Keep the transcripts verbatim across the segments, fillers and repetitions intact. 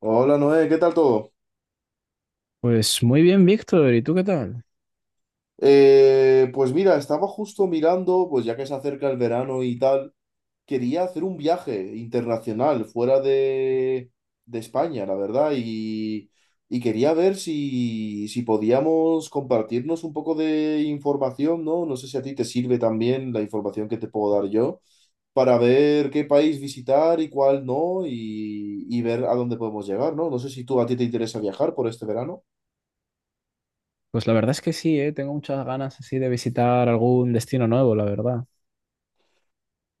Hola Noé, ¿qué tal todo? Pues muy bien, Víctor. ¿Y tú qué tal? Eh, pues mira, estaba justo mirando, pues ya que se acerca el verano y tal, quería hacer un viaje internacional fuera de, de España, la verdad, y, y quería ver si, si podíamos compartirnos un poco de información, ¿no? No sé si a ti te sirve también la información que te puedo dar yo, para ver qué país visitar y cuál no, y, y ver a dónde podemos llegar, ¿no? No sé si tú a ti te interesa viajar por este verano. Pues la verdad es que sí, ¿eh? Tengo muchas ganas así de visitar algún destino nuevo, la verdad.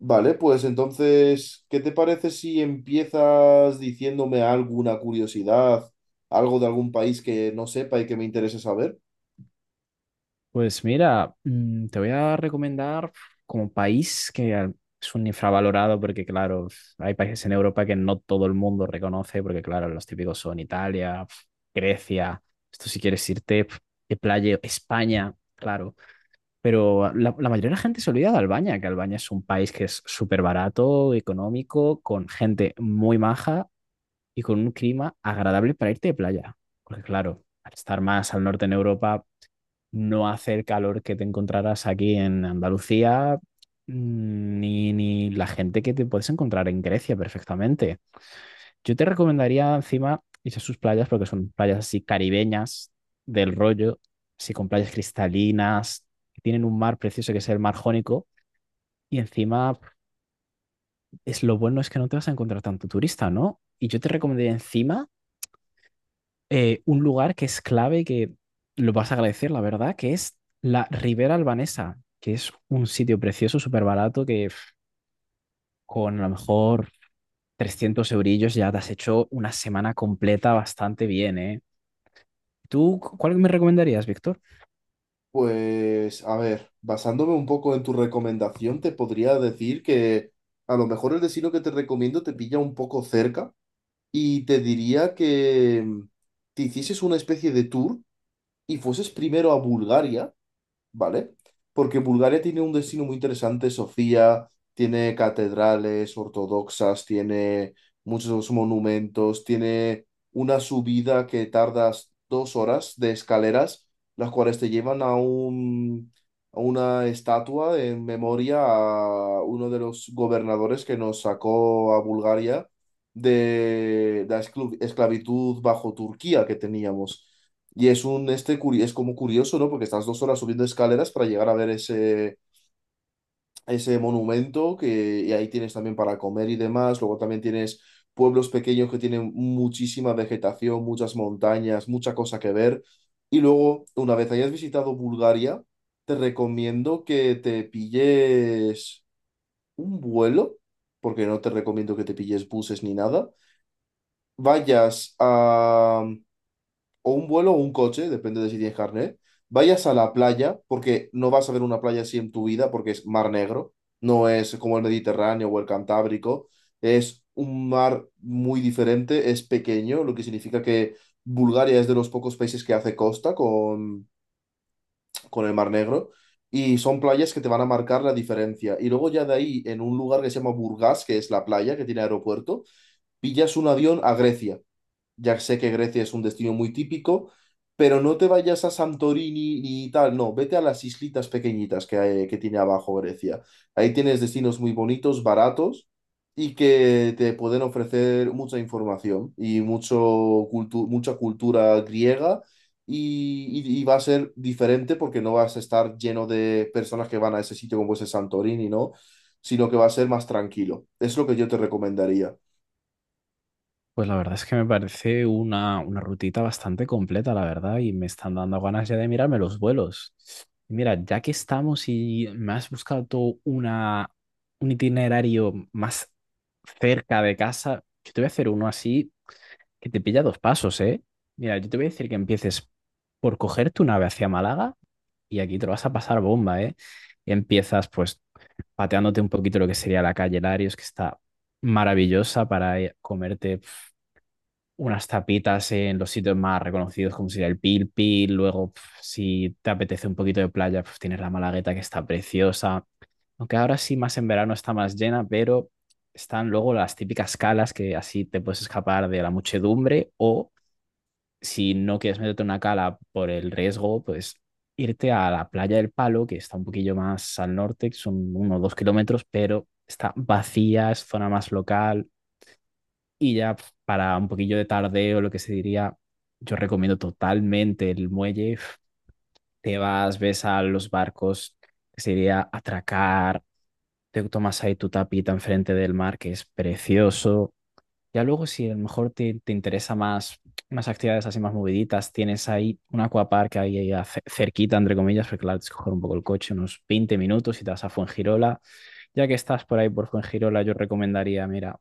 Vale, pues entonces, ¿qué te parece si empiezas diciéndome alguna curiosidad, algo de algún país que no sepa y que me interese saber? Pues mira, mm, te voy a recomendar como país que al- es un infravalorado, porque claro, hay países en Europa que no todo el mundo reconoce, porque claro, los típicos son Italia, Grecia. Esto si quieres irte de playa, España, claro. Pero la, la mayoría de la gente se olvida de Albania, que Albania es un país que es súper barato, económico, con gente muy maja y con un clima agradable para irte de playa. Porque claro, al estar más al norte en Europa, no hace el calor que te encontrarás aquí en Andalucía, mm, ni, ni la gente que te puedes encontrar en Grecia perfectamente. Yo te recomendaría encima ir a sus playas, porque son playas así caribeñas del rollo, así con playas cristalinas, que tienen un mar precioso que es el mar Jónico. Y encima, es, lo bueno es que no te vas a encontrar tanto turista, ¿no? Y yo te recomendaría encima eh, un lugar que es clave, que lo vas a agradecer, la verdad, que es la Ribera Albanesa, que es un sitio precioso, súper barato, que pf, con a lo mejor trescientos eurillos ya te has hecho una semana completa bastante bien, ¿eh? ¿Tú cu- cuál me recomendarías, Víctor? Pues, a ver, basándome un poco en tu recomendación, te podría decir que a lo mejor el destino que te recomiendo te pilla un poco cerca y te diría que mm, te hicieses una especie de tour y fueses primero a Bulgaria, ¿vale? Porque Bulgaria tiene un destino muy interesante, Sofía, tiene catedrales ortodoxas, tiene muchos monumentos, tiene una subida que tardas dos horas de escaleras, las cuales te llevan a un, a una estatua en memoria a uno de los gobernadores que nos sacó a Bulgaria de la esclav- esclavitud bajo Turquía que teníamos. Y es un este curi- es como curioso, ¿no? Porque estás dos horas subiendo escaleras para llegar a ver ese, ese monumento que y ahí tienes también para comer y demás. Luego también tienes pueblos pequeños que tienen muchísima vegetación, muchas montañas, mucha cosa que ver. Y luego, una vez hayas visitado Bulgaria, te recomiendo que te pilles un vuelo, porque no te recomiendo que te pilles buses ni nada. Vayas a o un vuelo o un coche, depende de si tienes carnet, vayas a la playa, porque no vas a ver una playa así en tu vida, porque es mar negro, no es como el Mediterráneo o el Cantábrico, es un mar muy diferente, es pequeño, lo que significa que Bulgaria es de los pocos países que hace costa con, con el mar negro. Y son playas que te van a marcar la diferencia. Y luego ya de ahí, en un lugar que se llama Burgas, que es la playa que tiene aeropuerto, pillas un avión a Grecia. Ya sé que Grecia es un destino muy típico, pero no te vayas a Santorini ni tal, no, vete a las islitas pequeñitas que, hay- que tiene abajo Grecia. Ahí tienes destinos muy bonitos, baratos y que te pueden ofrecer mucha información y mucho cultu- mucha cultura griega y, y- y va a ser diferente porque no vas a estar lleno de personas que van a ese sitio como ese Santorini, ¿no? Sino que va a ser más tranquilo. Es lo que yo te recomendaría. Pues la verdad es que me parece una, una rutita bastante completa, la verdad, y me están dando ganas ya de mirarme los vuelos. Mira, ya que estamos y me has buscado tú una, un itinerario más cerca de casa, yo te voy a hacer uno así que te pilla dos pasos, ¿eh? Mira, yo te voy a decir que empieces por coger tu nave hacia Málaga y aquí te lo vas a pasar bomba, ¿eh? Y empiezas pues pateándote un poquito lo que sería la calle Larios, que está maravillosa para eh, comerte unas tapitas en los sitios más reconocidos, como sería el Pil Pil. Luego, pf, si te apetece un poquito de playa, pues tienes la Malagueta, que está preciosa. Aunque ahora sí, más en verano, está más llena, pero están luego las típicas calas que así te puedes escapar de la muchedumbre. O si no quieres meterte en una cala por el riesgo, pues irte a la playa del Palo, que está un poquillo más al norte, que son unos dos kilómetros, pero está vacía, es zona más local, y ya pf, para un poquillo de tardeo, lo que se diría, yo recomiendo totalmente el muelle. Pf, te vas, ves a los barcos, que se diría atracar, te tomas ahí tu tapita enfrente del mar, que es precioso. Ya luego, si a lo mejor te, te interesa más, más actividades así más moviditas, tienes ahí un aquapark ahí, ahí a- ce- cerquita, entre comillas, porque claro, tienes que coger un poco el coche, unos veinte minutos, y te vas a Fuengirola. Ya que estás por ahí por Fuengirola, yo recomendaría, mira,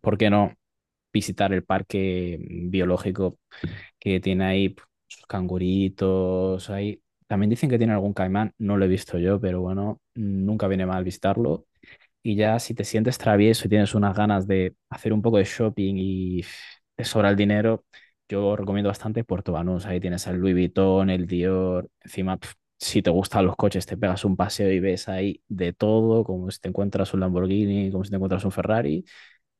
¿por qué no visitar el parque mm, biológico que tiene ahí pues sus canguritos ahí? También dicen que tiene algún caimán, no lo he visto yo, pero bueno, nunca viene mal visitarlo. Y ya si te sientes travieso y tienes unas ganas de hacer un poco de shopping y te sobra el dinero, yo recomiendo bastante Puerto Banús. Ahí tienes el Louis Vuitton, el Dior. Encima, pf, si te gustan los coches, te pegas un paseo y ves ahí de todo, como si te encuentras un Lamborghini, como si te encuentras un Ferrari.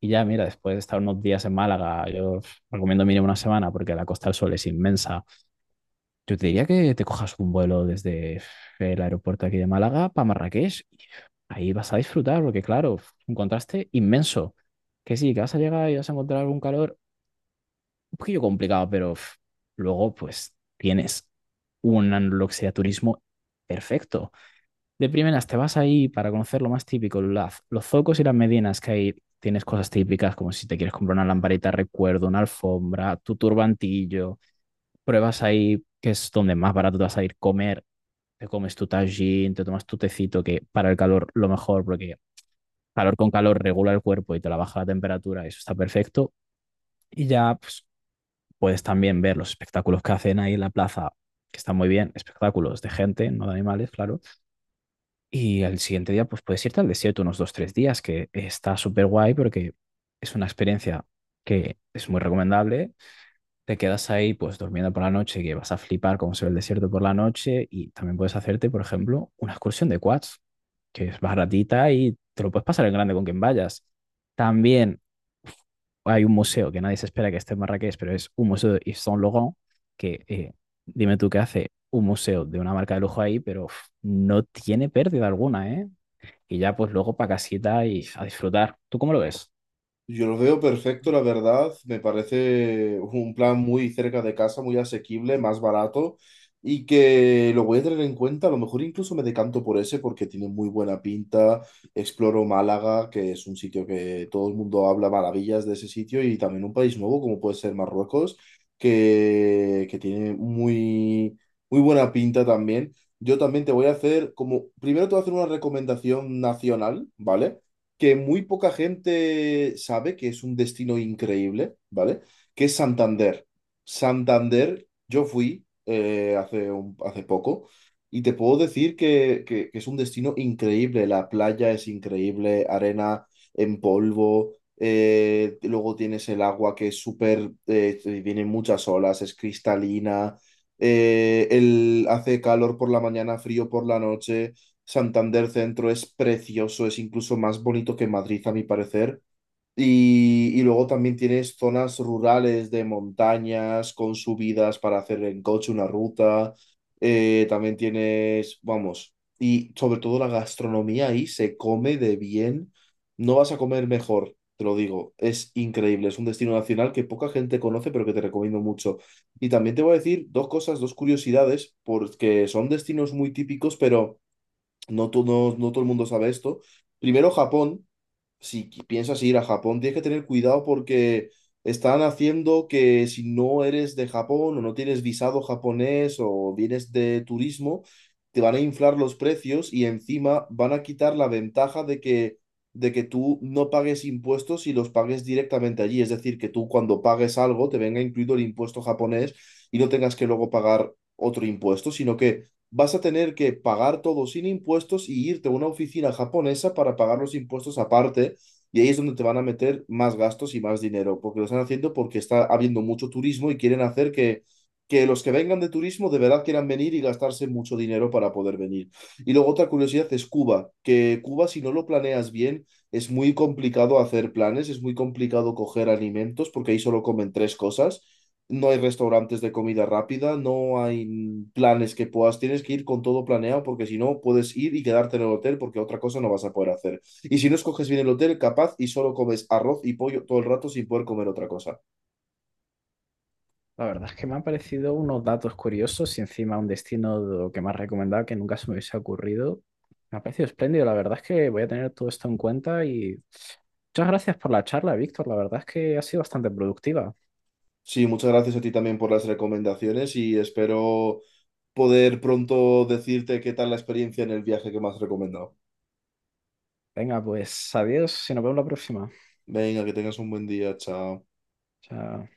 Y ya, mira, después de estar unos días en Málaga, yo pf, recomiendo mínimo una semana, porque la Costa del Sol es inmensa. Yo te diría que te cojas un vuelo desde pf, el aeropuerto aquí de Málaga para Marrakech, y ahí vas a disfrutar porque, claro, es un contraste inmenso. Que sí, que vas a llegar y vas a encontrar algún calor un poquillo complicado, pero pf, luego pues tienes un luxia turismo perfecto. De primeras te vas ahí para conocer lo más típico, las- los zocos y las medinas que hay. Tienes cosas típicas, como si te quieres comprar una lamparita de recuerdo, una alfombra, tu turbantillo. Pruebas ahí, que es donde más barato te vas a ir comer. Te comes tu tajín, te tomas tu tecito, que para el calor lo mejor, porque calor con calor regula el cuerpo y te la baja la temperatura, eso está perfecto. Y ya pues, puedes también ver los espectáculos que hacen ahí en la plaza, que están muy bien, espectáculos de gente, no de animales, claro. Y al siguiente día, pues puedes irte al desierto unos dos, tres días, que está súper guay porque es una experiencia que es muy recomendable. Te quedas ahí pues durmiendo por la noche, que vas a flipar cómo se ve el desierto por la noche, y también puedes hacerte, por ejemplo, una excursión de quads, que es baratita y te lo puedes pasar en grande con quien vayas. También hay un museo que nadie se espera que esté en Marrakech, pero es un museo de Yves Saint Laurent, que eh, dime tú qué hace un museo de una marca de lujo ahí, pero uf, no tiene pérdida alguna, ¿eh? Y ya pues luego para casita y a disfrutar. ¿Tú cómo lo ves? Yo lo veo perfecto, la verdad. Me parece un plan muy cerca de casa, muy asequible, más barato y que lo voy a tener en cuenta. A lo mejor incluso me decanto por ese porque tiene muy buena pinta. Exploro Málaga, que es un sitio que todo el mundo habla maravillas de ese sitio y también un país nuevo como puede ser Marruecos, que, que tiene muy, muy buena pinta también. Yo también te voy a hacer como, primero te voy a hacer una recomendación nacional, ¿vale? Que muy poca gente sabe que es un destino increíble, ¿vale? Que es Santander. Santander, yo fui eh, hace, un- hace poco y te puedo decir que, que- que es un destino increíble. La playa es increíble, arena en polvo, eh, luego tienes el agua que es súper, eh, vienen muchas olas, es cristalina, eh, el, hace calor por la mañana, frío por la noche. Santander Centro es precioso, es incluso más bonito que Madrid, a mi parecer. Y, y luego también tienes zonas rurales de montañas con subidas para hacer en coche una ruta. Eh, también tienes, vamos, y sobre todo la gastronomía ahí se come de bien. No vas a comer mejor, te lo digo. Es increíble, es un destino nacional que poca gente conoce, pero que te recomiendo mucho. Y también te voy a decir dos cosas, dos curiosidades, porque son destinos muy típicos, pero no, to- no, no todo el mundo sabe esto. Primero, Japón. Si qui- piensas ir a Japón, tienes que tener cuidado porque están haciendo que si no eres de Japón o no tienes visado japonés o vienes de turismo, te van a inflar los precios y encima van a quitar la ventaja de que, de que tú no pagues impuestos y los pagues directamente allí. Es decir, que tú cuando pagues algo te venga incluido el impuesto japonés y no tengas que luego pagar otro impuesto, sino que vas a tener que pagar todo sin impuestos y irte a una oficina japonesa para pagar los impuestos aparte. Y ahí es donde te van a meter más gastos y más dinero, porque lo están haciendo porque está habiendo mucho turismo y quieren hacer que, que los que vengan de turismo de verdad quieran venir y gastarse mucho dinero para poder venir. Y luego otra curiosidad es Cuba, que Cuba si no lo planeas bien es muy complicado hacer planes, es muy complicado coger alimentos porque ahí solo comen tres cosas, no hay restaurantes de comida rápida, no hay planes que puedas, tienes que ir con todo planeado porque si no puedes ir y quedarte en el hotel porque otra cosa no vas a poder hacer. Y si no escoges bien el hotel, capaz y solo comes arroz y pollo todo el rato sin poder comer otra cosa. La verdad es que me han parecido unos datos curiosos y encima un destino de lo que me has recomendado que nunca se me hubiese ocurrido. Me ha parecido espléndido. La verdad es que voy a tener todo esto en cuenta y muchas gracias por la charla, Víctor. La verdad es que ha sido bastante productiva. Sí, muchas gracias a ti también por las recomendaciones y espero poder pronto decirte qué tal la experiencia en el viaje que me has recomendado. Venga, pues adiós y nos vemos la próxima. Venga, que tengas un buen día, chao. Chao.